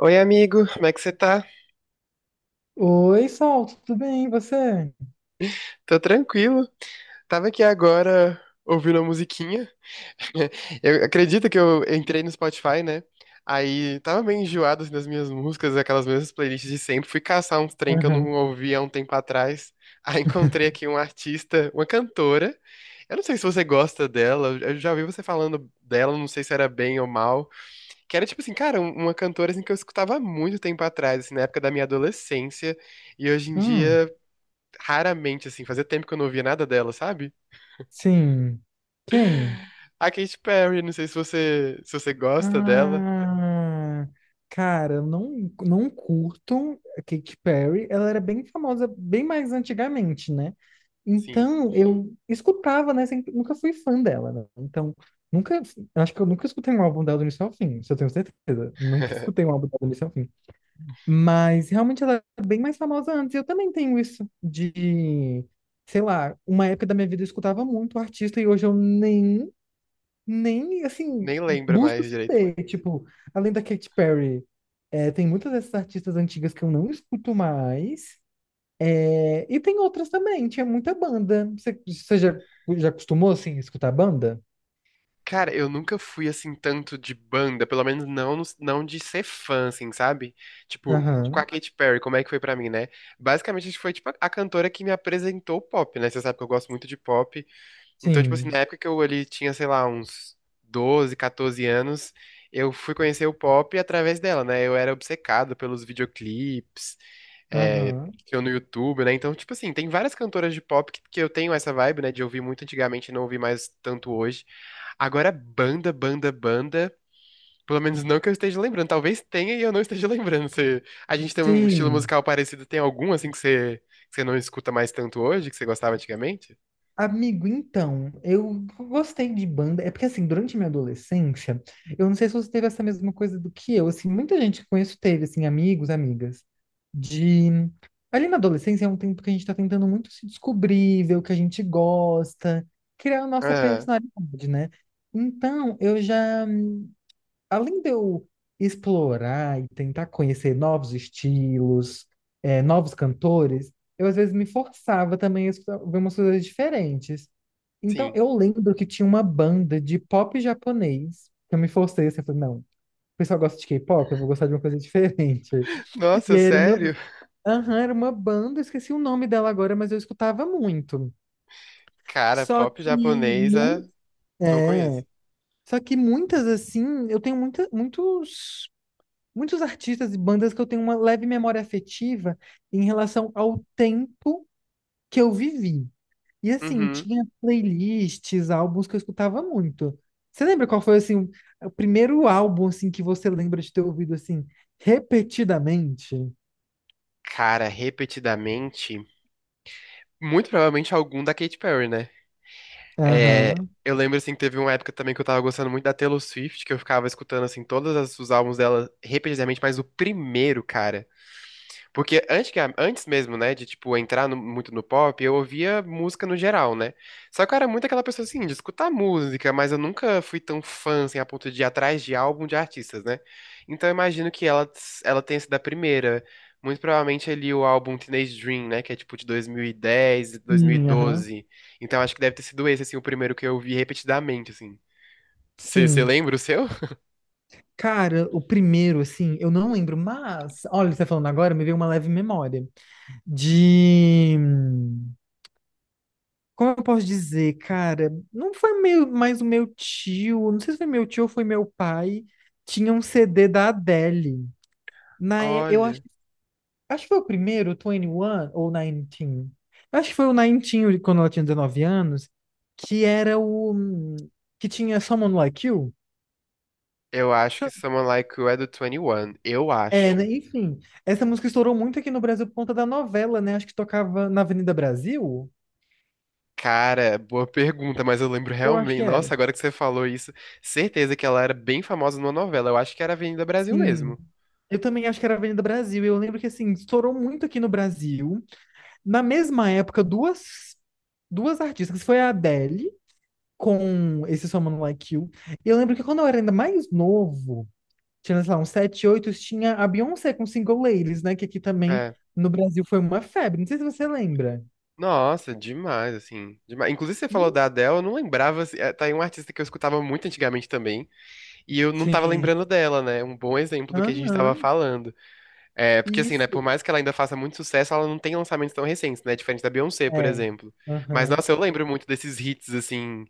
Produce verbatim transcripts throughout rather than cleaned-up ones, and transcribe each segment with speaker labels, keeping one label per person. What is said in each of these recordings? Speaker 1: Oi, amigo, como é que você tá?
Speaker 2: Oi, Sol, tudo bem? E você?
Speaker 1: Tô tranquilo. Tava aqui agora ouvindo uma musiquinha. Eu acredito que eu entrei no Spotify, né? Aí tava meio enjoado assim, das minhas músicas, aquelas mesmas playlists de sempre. Fui caçar uns trem que eu não
Speaker 2: Aham.
Speaker 1: ouvia há um tempo atrás. Aí encontrei aqui um artista, uma cantora. Eu não sei se você gosta dela, eu já ouvi você falando dela, não sei se era bem ou mal. Que era tipo assim, cara, um- uma cantora assim, que eu escutava há muito tempo atrás, assim, na época da minha adolescência. E hoje em
Speaker 2: Hum,
Speaker 1: dia. Raramente, assim, fazia tempo que eu não ouvia nada dela, sabe?
Speaker 2: sim. Quem?
Speaker 1: A Katy Perry, não sei se você, se você gosta dela.
Speaker 2: Ah, cara, eu não, não curto a Katy Perry. Ela era bem famosa, bem mais antigamente, né?
Speaker 1: Sim.
Speaker 2: Então, eu escutava, né? Sempre, nunca fui fã dela, né? Então, nunca. eu Acho que eu nunca escutei um álbum dela do início ao fim, isso eu tenho certeza. Nunca escutei um álbum dela do início ao fim. Mas realmente ela é bem mais famosa antes. Eu também tenho isso de, sei lá, uma época da minha vida eu escutava muito artista e hoje eu nem, nem, assim,
Speaker 1: Nem lembra
Speaker 2: busco
Speaker 1: mais direito.
Speaker 2: saber. Tipo, além da Katy Perry, é, tem muitas dessas artistas antigas que eu não escuto mais. É, e tem outras também, tinha muita banda. Você, você já, já acostumou, assim, a escutar banda?
Speaker 1: Cara, eu nunca fui assim tanto de banda, pelo menos não, no- não de ser fã, assim, sabe? Tipo, com a
Speaker 2: Aham,
Speaker 1: Katy Perry, como é que foi pra mim, né? Basicamente, a gente foi tipo a cantora que me apresentou o pop, né? Você sabe que eu gosto muito de pop. Então, tipo assim,
Speaker 2: sim.
Speaker 1: na época que eu ali tinha, sei lá, uns doze quatorze anos, eu fui conhecer o pop através dela, né? Eu era obcecado pelos videoclipes, é,
Speaker 2: Aham,
Speaker 1: que eu no YouTube, né? Então, tipo assim, tem várias cantoras de pop que, que eu tenho essa vibe, né? De ouvir muito antigamente e não ouvir mais tanto hoje. Agora, banda, banda, banda. Pelo menos não que eu esteja lembrando. Talvez tenha e eu não esteja lembrando. Você, a gente tem um estilo
Speaker 2: sim.
Speaker 1: musical parecido. Tem algum, assim, que você, que você não escuta mais tanto hoje, que você gostava antigamente?
Speaker 2: Amigo, então, eu gostei de banda. É porque, assim, durante minha adolescência, eu não sei se você teve essa mesma coisa do que eu. Assim, muita gente que conheço teve, assim, amigos, amigas, de. Ali na adolescência é um tempo que a gente tá tentando muito se descobrir, ver o que a gente gosta, criar a nossa
Speaker 1: Ah,
Speaker 2: personalidade, né? Então, eu já. Além de eu explorar e tentar conhecer novos estilos, eh, novos cantores, eu às vezes me forçava também a escutar- ver umas coisas diferentes. Então,
Speaker 1: sim.
Speaker 2: eu lembro que tinha uma banda de pop japonês. Eu me forcei assim, eu falei, não, o pessoal gosta de K-pop, eu vou gostar de uma coisa diferente. E
Speaker 1: Nossa,
Speaker 2: aí era uma,
Speaker 1: sério?
Speaker 2: aham, era uma banda, eu esqueci o nome dela agora, mas eu escutava muito.
Speaker 1: Cara,
Speaker 2: Só
Speaker 1: pop
Speaker 2: que, muito,
Speaker 1: japonesa, não conheço.
Speaker 2: é, só que muitas, assim, eu tenho muita, muitos, muitos artistas e bandas que eu tenho uma leve memória afetiva em relação ao tempo que eu vivi. E assim,
Speaker 1: Uhum.
Speaker 2: tinha playlists, álbuns que eu escutava muito. Você lembra qual foi assim o o primeiro álbum assim que você lembra de ter ouvido assim repetidamente?
Speaker 1: Cara, repetidamente, muito provavelmente algum da Katy Perry, né? É,
Speaker 2: Aham.
Speaker 1: eu lembro, assim, que teve uma época também que eu tava gostando muito da Taylor Swift, que eu ficava escutando, assim, todos as- os álbuns dela repetidamente, mas o primeiro, cara. Porque antes, que a- antes mesmo, né, de, tipo, entrar no- muito no pop, eu ouvia música no geral, né? Só que eu era muito aquela pessoa, assim, de escutar música, mas eu nunca fui tão fã, assim, a ponto de ir atrás de álbum de artistas, né? Então eu imagino que ela, ela tenha sido a primeira. Muito provavelmente ali o álbum Teenage Dream, né, que é, tipo, de dois mil e dez,
Speaker 2: Sim, aham.
Speaker 1: dois mil e doze. Então acho que deve ter sido esse, assim, o primeiro que eu vi repetidamente, assim. Você
Speaker 2: Sim.
Speaker 1: lembra o seu?
Speaker 2: Cara, o primeiro assim, eu não lembro, mas olha, você tá falando agora, me veio uma leve memória. De Como eu posso dizer, cara, não foi meu, mais o meu tio, não sei se foi meu tio ou foi meu pai, tinha um C D da Adele. Na, e- eu acho
Speaker 1: Olha,
Speaker 2: Acho que foi o primeiro, o vinte e um ou dezenove. Acho que foi o dezenove, quando ela tinha dezenove anos, que era o. hum, que tinha Someone Like You.
Speaker 1: eu acho que
Speaker 2: Sa-
Speaker 1: Someone Like You é do vinte e um, eu
Speaker 2: É, né?
Speaker 1: acho.
Speaker 2: Enfim, essa música estourou muito aqui no Brasil por conta da novela, né? Acho que tocava na Avenida Brasil.
Speaker 1: Cara, boa pergunta, mas eu lembro
Speaker 2: Eu acho
Speaker 1: realmente.
Speaker 2: que era.
Speaker 1: Nossa, agora que você falou isso, certeza que ela era bem famosa numa novela. Eu acho que era Avenida Brasil
Speaker 2: Sim.
Speaker 1: mesmo.
Speaker 2: Eu também acho que era Avenida Brasil. Eu lembro que, assim, estourou muito aqui no Brasil. Na mesma época, duas, duas artistas. Foi a Adele com esse Someone Like You. E Eu lembro que quando eu era ainda mais novo. Tinha, sei lá, uns sete oito tinha a Beyoncé com Single Ladies, né? Que aqui também
Speaker 1: É.
Speaker 2: no Brasil foi uma febre. Não sei se você lembra.
Speaker 1: Nossa, demais, assim. Demais. Inclusive, você falou
Speaker 2: Ih,
Speaker 1: da Adele, eu não lembrava. assim, é, Tá aí um artista que eu escutava muito antigamente também. E eu não tava
Speaker 2: sim.
Speaker 1: lembrando dela, né? Um bom exemplo do que a gente tava
Speaker 2: Aham.
Speaker 1: falando. É, porque assim, né? Por
Speaker 2: Isso.
Speaker 1: mais que ela ainda faça muito sucesso, ela não tem lançamentos tão recentes, né? Diferente da Beyoncé, por
Speaker 2: É.
Speaker 1: exemplo. Mas,
Speaker 2: Aham.
Speaker 1: nossa, eu lembro muito desses hits, assim.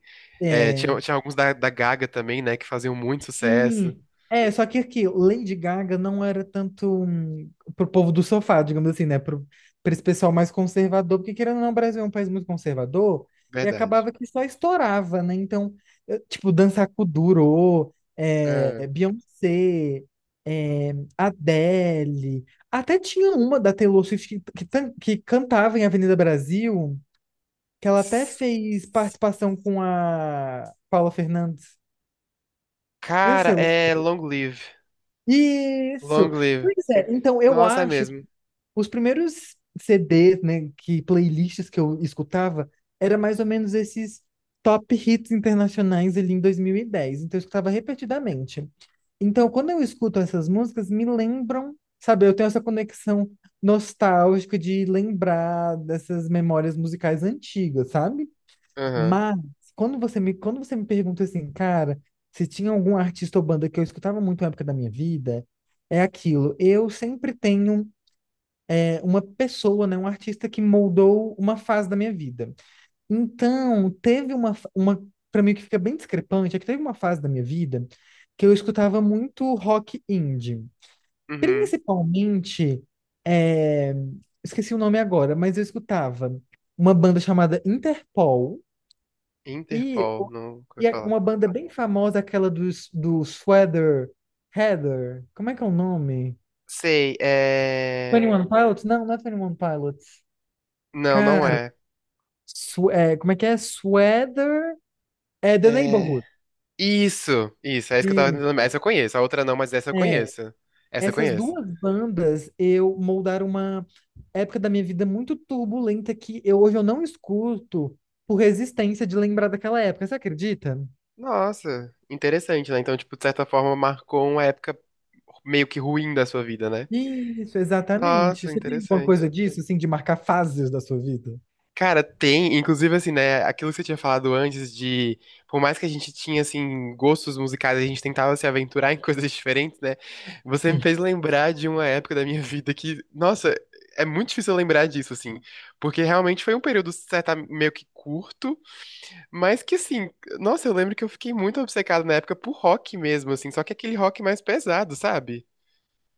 Speaker 1: É, tinha,
Speaker 2: É.
Speaker 1: tinha alguns da, da Gaga também, né? Que faziam muito sucesso.
Speaker 2: Sim. É, só que aqui, Lady Gaga não era tanto, hum, pro povo do sofá, digamos assim, né? Pro, pra esse pessoal mais conservador, porque querendo ou não, o Brasil é um país muito conservador, e
Speaker 1: Verdade.
Speaker 2: acabava que só estourava, né? Então, eu, tipo, Dança com Durô,
Speaker 1: Ah.
Speaker 2: é, Beyoncé, é, Adele, até tinha uma da Taylor Swift que, que, tan- que cantava em Avenida Brasil, que ela até
Speaker 1: S-
Speaker 2: fez participação com a Paula Fernandes. Não
Speaker 1: Cara,
Speaker 2: sei se você.
Speaker 1: é Long Live.
Speaker 2: Isso.
Speaker 1: Long Live.
Speaker 2: Pois é, então eu
Speaker 1: Nossa, é
Speaker 2: acho que
Speaker 1: mesmo.
Speaker 2: os primeiros C Ds, né, que playlists que eu escutava, era mais ou menos esses top hits internacionais ali em dois mil e dez. Então eu escutava repetidamente. Então quando eu escuto essas músicas, me lembram, sabe, eu tenho essa conexão nostálgica de lembrar dessas memórias musicais antigas, sabe?
Speaker 1: Aham.
Speaker 2: Mas quando você me, quando você me pergunta assim, cara, se tinha algum artista ou banda que eu escutava muito na época da minha vida, é aquilo. Eu sempre tenho é, uma pessoa, né, um artista que moldou uma fase da minha vida. Então, teve uma, fa- uma para mim o que fica bem discrepante, é que teve uma fase da minha vida que eu escutava muito rock indie.
Speaker 1: Uhum.
Speaker 2: Principalmente, é, esqueci o nome agora, mas eu escutava uma banda chamada Interpol e,
Speaker 1: Interpol,
Speaker 2: o-
Speaker 1: não vou
Speaker 2: e é
Speaker 1: falar.
Speaker 2: uma banda bem famosa, aquela dos, do Sweater Heather. Como é que é o nome?
Speaker 1: Sei, é.
Speaker 2: vinte e um Pilots? Não, não é twenty one Pilots.
Speaker 1: Não, não
Speaker 2: Cara,
Speaker 1: é.
Speaker 2: su- é, como é que é? Sweater é The
Speaker 1: É.
Speaker 2: Neighborhood.
Speaker 1: Isso, isso, é isso que eu tava tentando. lembrar.
Speaker 2: Isso.
Speaker 1: Essa eu conheço, a outra não, mas essa eu
Speaker 2: É,
Speaker 1: conheço. Essa eu
Speaker 2: essas
Speaker 1: conheço.
Speaker 2: duas bandas eu moldaram uma época da minha vida muito turbulenta que eu, hoje eu não escuto por resistência de lembrar daquela época. Você acredita?
Speaker 1: Nossa, interessante, né? Então, tipo, de certa forma, marcou uma época meio que ruim da sua vida, né?
Speaker 2: Isso, exatamente.
Speaker 1: Nossa,
Speaker 2: Você tem alguma coisa
Speaker 1: interessante.
Speaker 2: disso, assim, de marcar fases da sua vida?
Speaker 1: Cara, tem, inclusive assim, né, aquilo que você tinha falado antes de, por mais que a gente tinha assim gostos musicais, a gente tentava se aventurar em coisas diferentes, né? Você me
Speaker 2: Sim.
Speaker 1: fez lembrar de uma época da minha vida que, nossa, é muito difícil eu lembrar disso assim, porque realmente foi um período certa meio que curto, mas que assim, nossa, eu lembro que eu fiquei muito obcecado na época por rock mesmo, assim, só que aquele rock mais pesado, sabe?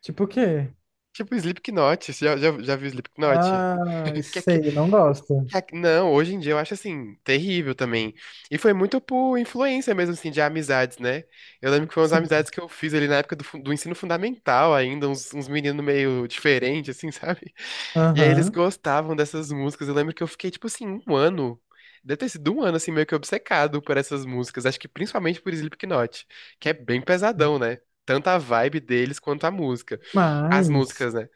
Speaker 2: Tipo o quê?
Speaker 1: Tipo Slipknot, você já já, já viu Slipknot?
Speaker 2: Ah,
Speaker 1: Que é
Speaker 2: sei, não gosto.
Speaker 1: ah, não, hoje em dia eu acho assim, terrível também. E foi muito por influência mesmo, assim, de amizades, né? Eu lembro que foi umas
Speaker 2: Sim.
Speaker 1: amizades que eu fiz ali na época do, fun- do ensino fundamental ainda, uns, uns meninos meio diferentes, assim, sabe? E aí eles
Speaker 2: Aham.
Speaker 1: gostavam dessas músicas. Eu lembro que eu fiquei, tipo assim, um ano. Deve ter sido um ano, assim, meio que obcecado por essas músicas. Acho que principalmente por Slipknot, que é bem pesadão, né? Tanto a vibe deles quanto a música. As
Speaker 2: Mas,
Speaker 1: músicas, né?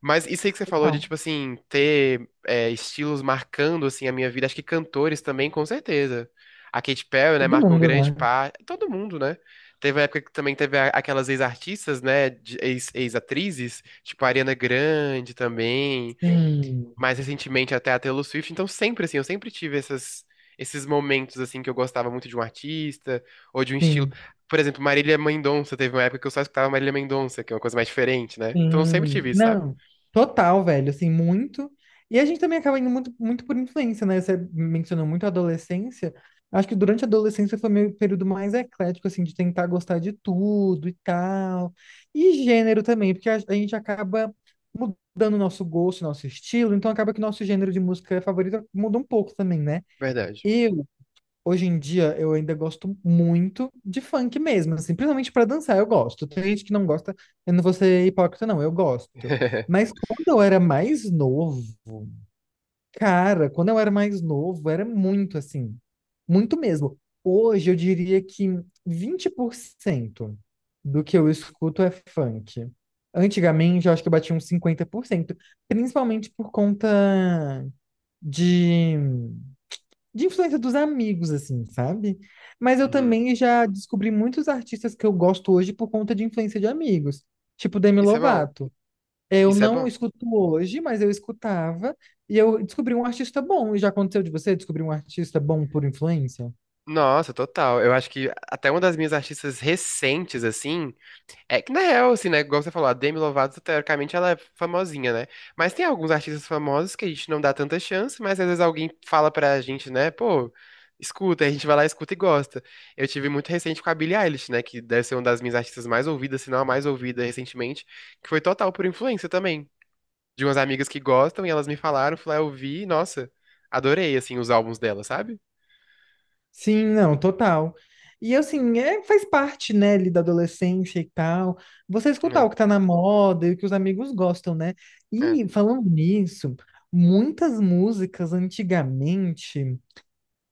Speaker 1: Mas isso aí que você falou de,
Speaker 2: total.
Speaker 1: tipo assim, ter é, estilos marcando, assim, a minha vida. Acho que cantores também, com certeza. A Katy Perry, né,
Speaker 2: Todo
Speaker 1: marcou
Speaker 2: mundo,
Speaker 1: grande
Speaker 2: né?
Speaker 1: parte. Todo mundo, né? Teve uma época que também teve a- aquelas ex-artistas, né, de- ex- ex-atrizes, tipo a Ariana Grande também.
Speaker 2: Sim,
Speaker 1: Mais recentemente até a Taylor Swift. Então sempre, assim, eu sempre tive essas... Esses momentos, assim, que eu gostava muito de um artista ou de um estilo.
Speaker 2: sim.
Speaker 1: Por exemplo, Marília Mendonça, teve uma época que eu só escutava Marília Mendonça, que é uma coisa mais diferente, né? Então eu sempre
Speaker 2: Sim,
Speaker 1: tive isso, sabe?
Speaker 2: não, total, velho, assim, muito. E a gente também acaba indo muito, muito por influência, né? Você mencionou muito a adolescência. Acho que durante a adolescência foi meu período mais eclético, assim, de tentar gostar de tudo e tal. E gênero também, porque a, a gente acaba mudando o nosso gosto, nosso estilo, então acaba que o nosso gênero de música favorito muda um pouco também, né?
Speaker 1: Verdade.
Speaker 2: Hoje em dia eu ainda gosto muito de funk mesmo, assim, principalmente pra dançar, eu gosto. Tem gente que não gosta, eu não vou ser hipócrita, não, eu gosto. Mas quando eu era mais novo, cara, quando eu era mais novo, era muito assim, muito mesmo. Hoje eu diria que vinte por cento do que eu escuto é funk. Antigamente eu acho que eu batia uns cinquenta por cento, principalmente por conta de de influência dos amigos, assim, sabe? Mas eu
Speaker 1: Uhum.
Speaker 2: também já descobri muitos artistas que eu gosto hoje por conta de influência de amigos, tipo Demi
Speaker 1: Isso é bom.
Speaker 2: Lovato. Eu
Speaker 1: Isso é
Speaker 2: não
Speaker 1: bom.
Speaker 2: escuto hoje, mas eu escutava e eu descobri um artista bom. E já aconteceu de você descobrir um artista bom por influência?
Speaker 1: Nossa, total. Eu acho que até uma das minhas artistas recentes, assim. É que na real, assim, né? Igual você falou, a Demi Lovato, teoricamente, ela é famosinha, né? Mas tem alguns artistas famosos que a gente não dá tanta chance, mas às vezes alguém fala pra gente, né? Pô, escuta, aí a gente vai lá, escuta e gosta. Eu tive muito recente com a Billie Eilish, né? Que deve ser uma das minhas artistas mais ouvidas, se não a mais ouvida recentemente, que foi total por influência também. De umas amigas que gostam e elas me falaram, fui lá, eu vi, e, nossa, adorei, assim, os álbuns dela, sabe?
Speaker 2: Sim, não, total. E assim, é, faz parte, né, ali da adolescência e tal. Você escutar
Speaker 1: É,
Speaker 2: o que tá na moda e o que os amigos gostam, né?
Speaker 1: é.
Speaker 2: E falando nisso, muitas músicas antigamente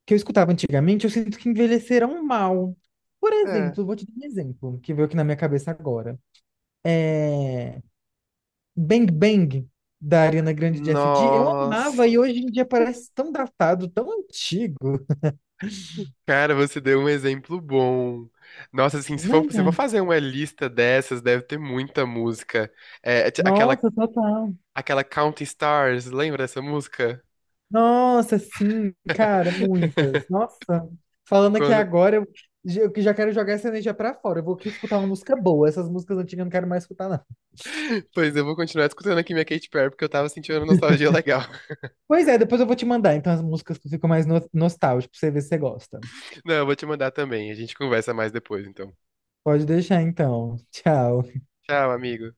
Speaker 2: que eu escutava antigamente, eu sinto que envelheceram mal. Por
Speaker 1: É.
Speaker 2: exemplo, vou te dar um exemplo que veio aqui na minha cabeça agora. Bang Bang, da Ariana Grande de S D, eu amava
Speaker 1: Nossa.
Speaker 2: e hoje em dia parece tão datado, tão antigo,
Speaker 1: Cara, você deu um exemplo bom. Nossa, assim, se for, se for
Speaker 2: né?
Speaker 1: fazer uma lista dessas, deve ter muita música. É, t- aquela,
Speaker 2: Nossa, total.
Speaker 1: aquela Counting Stars, lembra dessa música?
Speaker 2: Nossa, sim, cara, muitas. Nossa, falando aqui
Speaker 1: Co-
Speaker 2: agora, eu, eu que já quero jogar essa energia pra fora. Eu vou aqui escutar uma música boa. Essas músicas antigas eu não quero mais escutar, não.
Speaker 1: Pois eu vou continuar escutando aqui minha Katy Perry, porque eu tava sentindo uma nostalgia legal.
Speaker 2: Pois é, depois eu vou te mandar, então, as músicas que ficam mais no- nostálgicas, pra você ver se você gosta.
Speaker 1: Não, eu vou te mandar também. A gente conversa mais depois, então.
Speaker 2: Pode deixar então. Tchau.
Speaker 1: Tchau, amigo.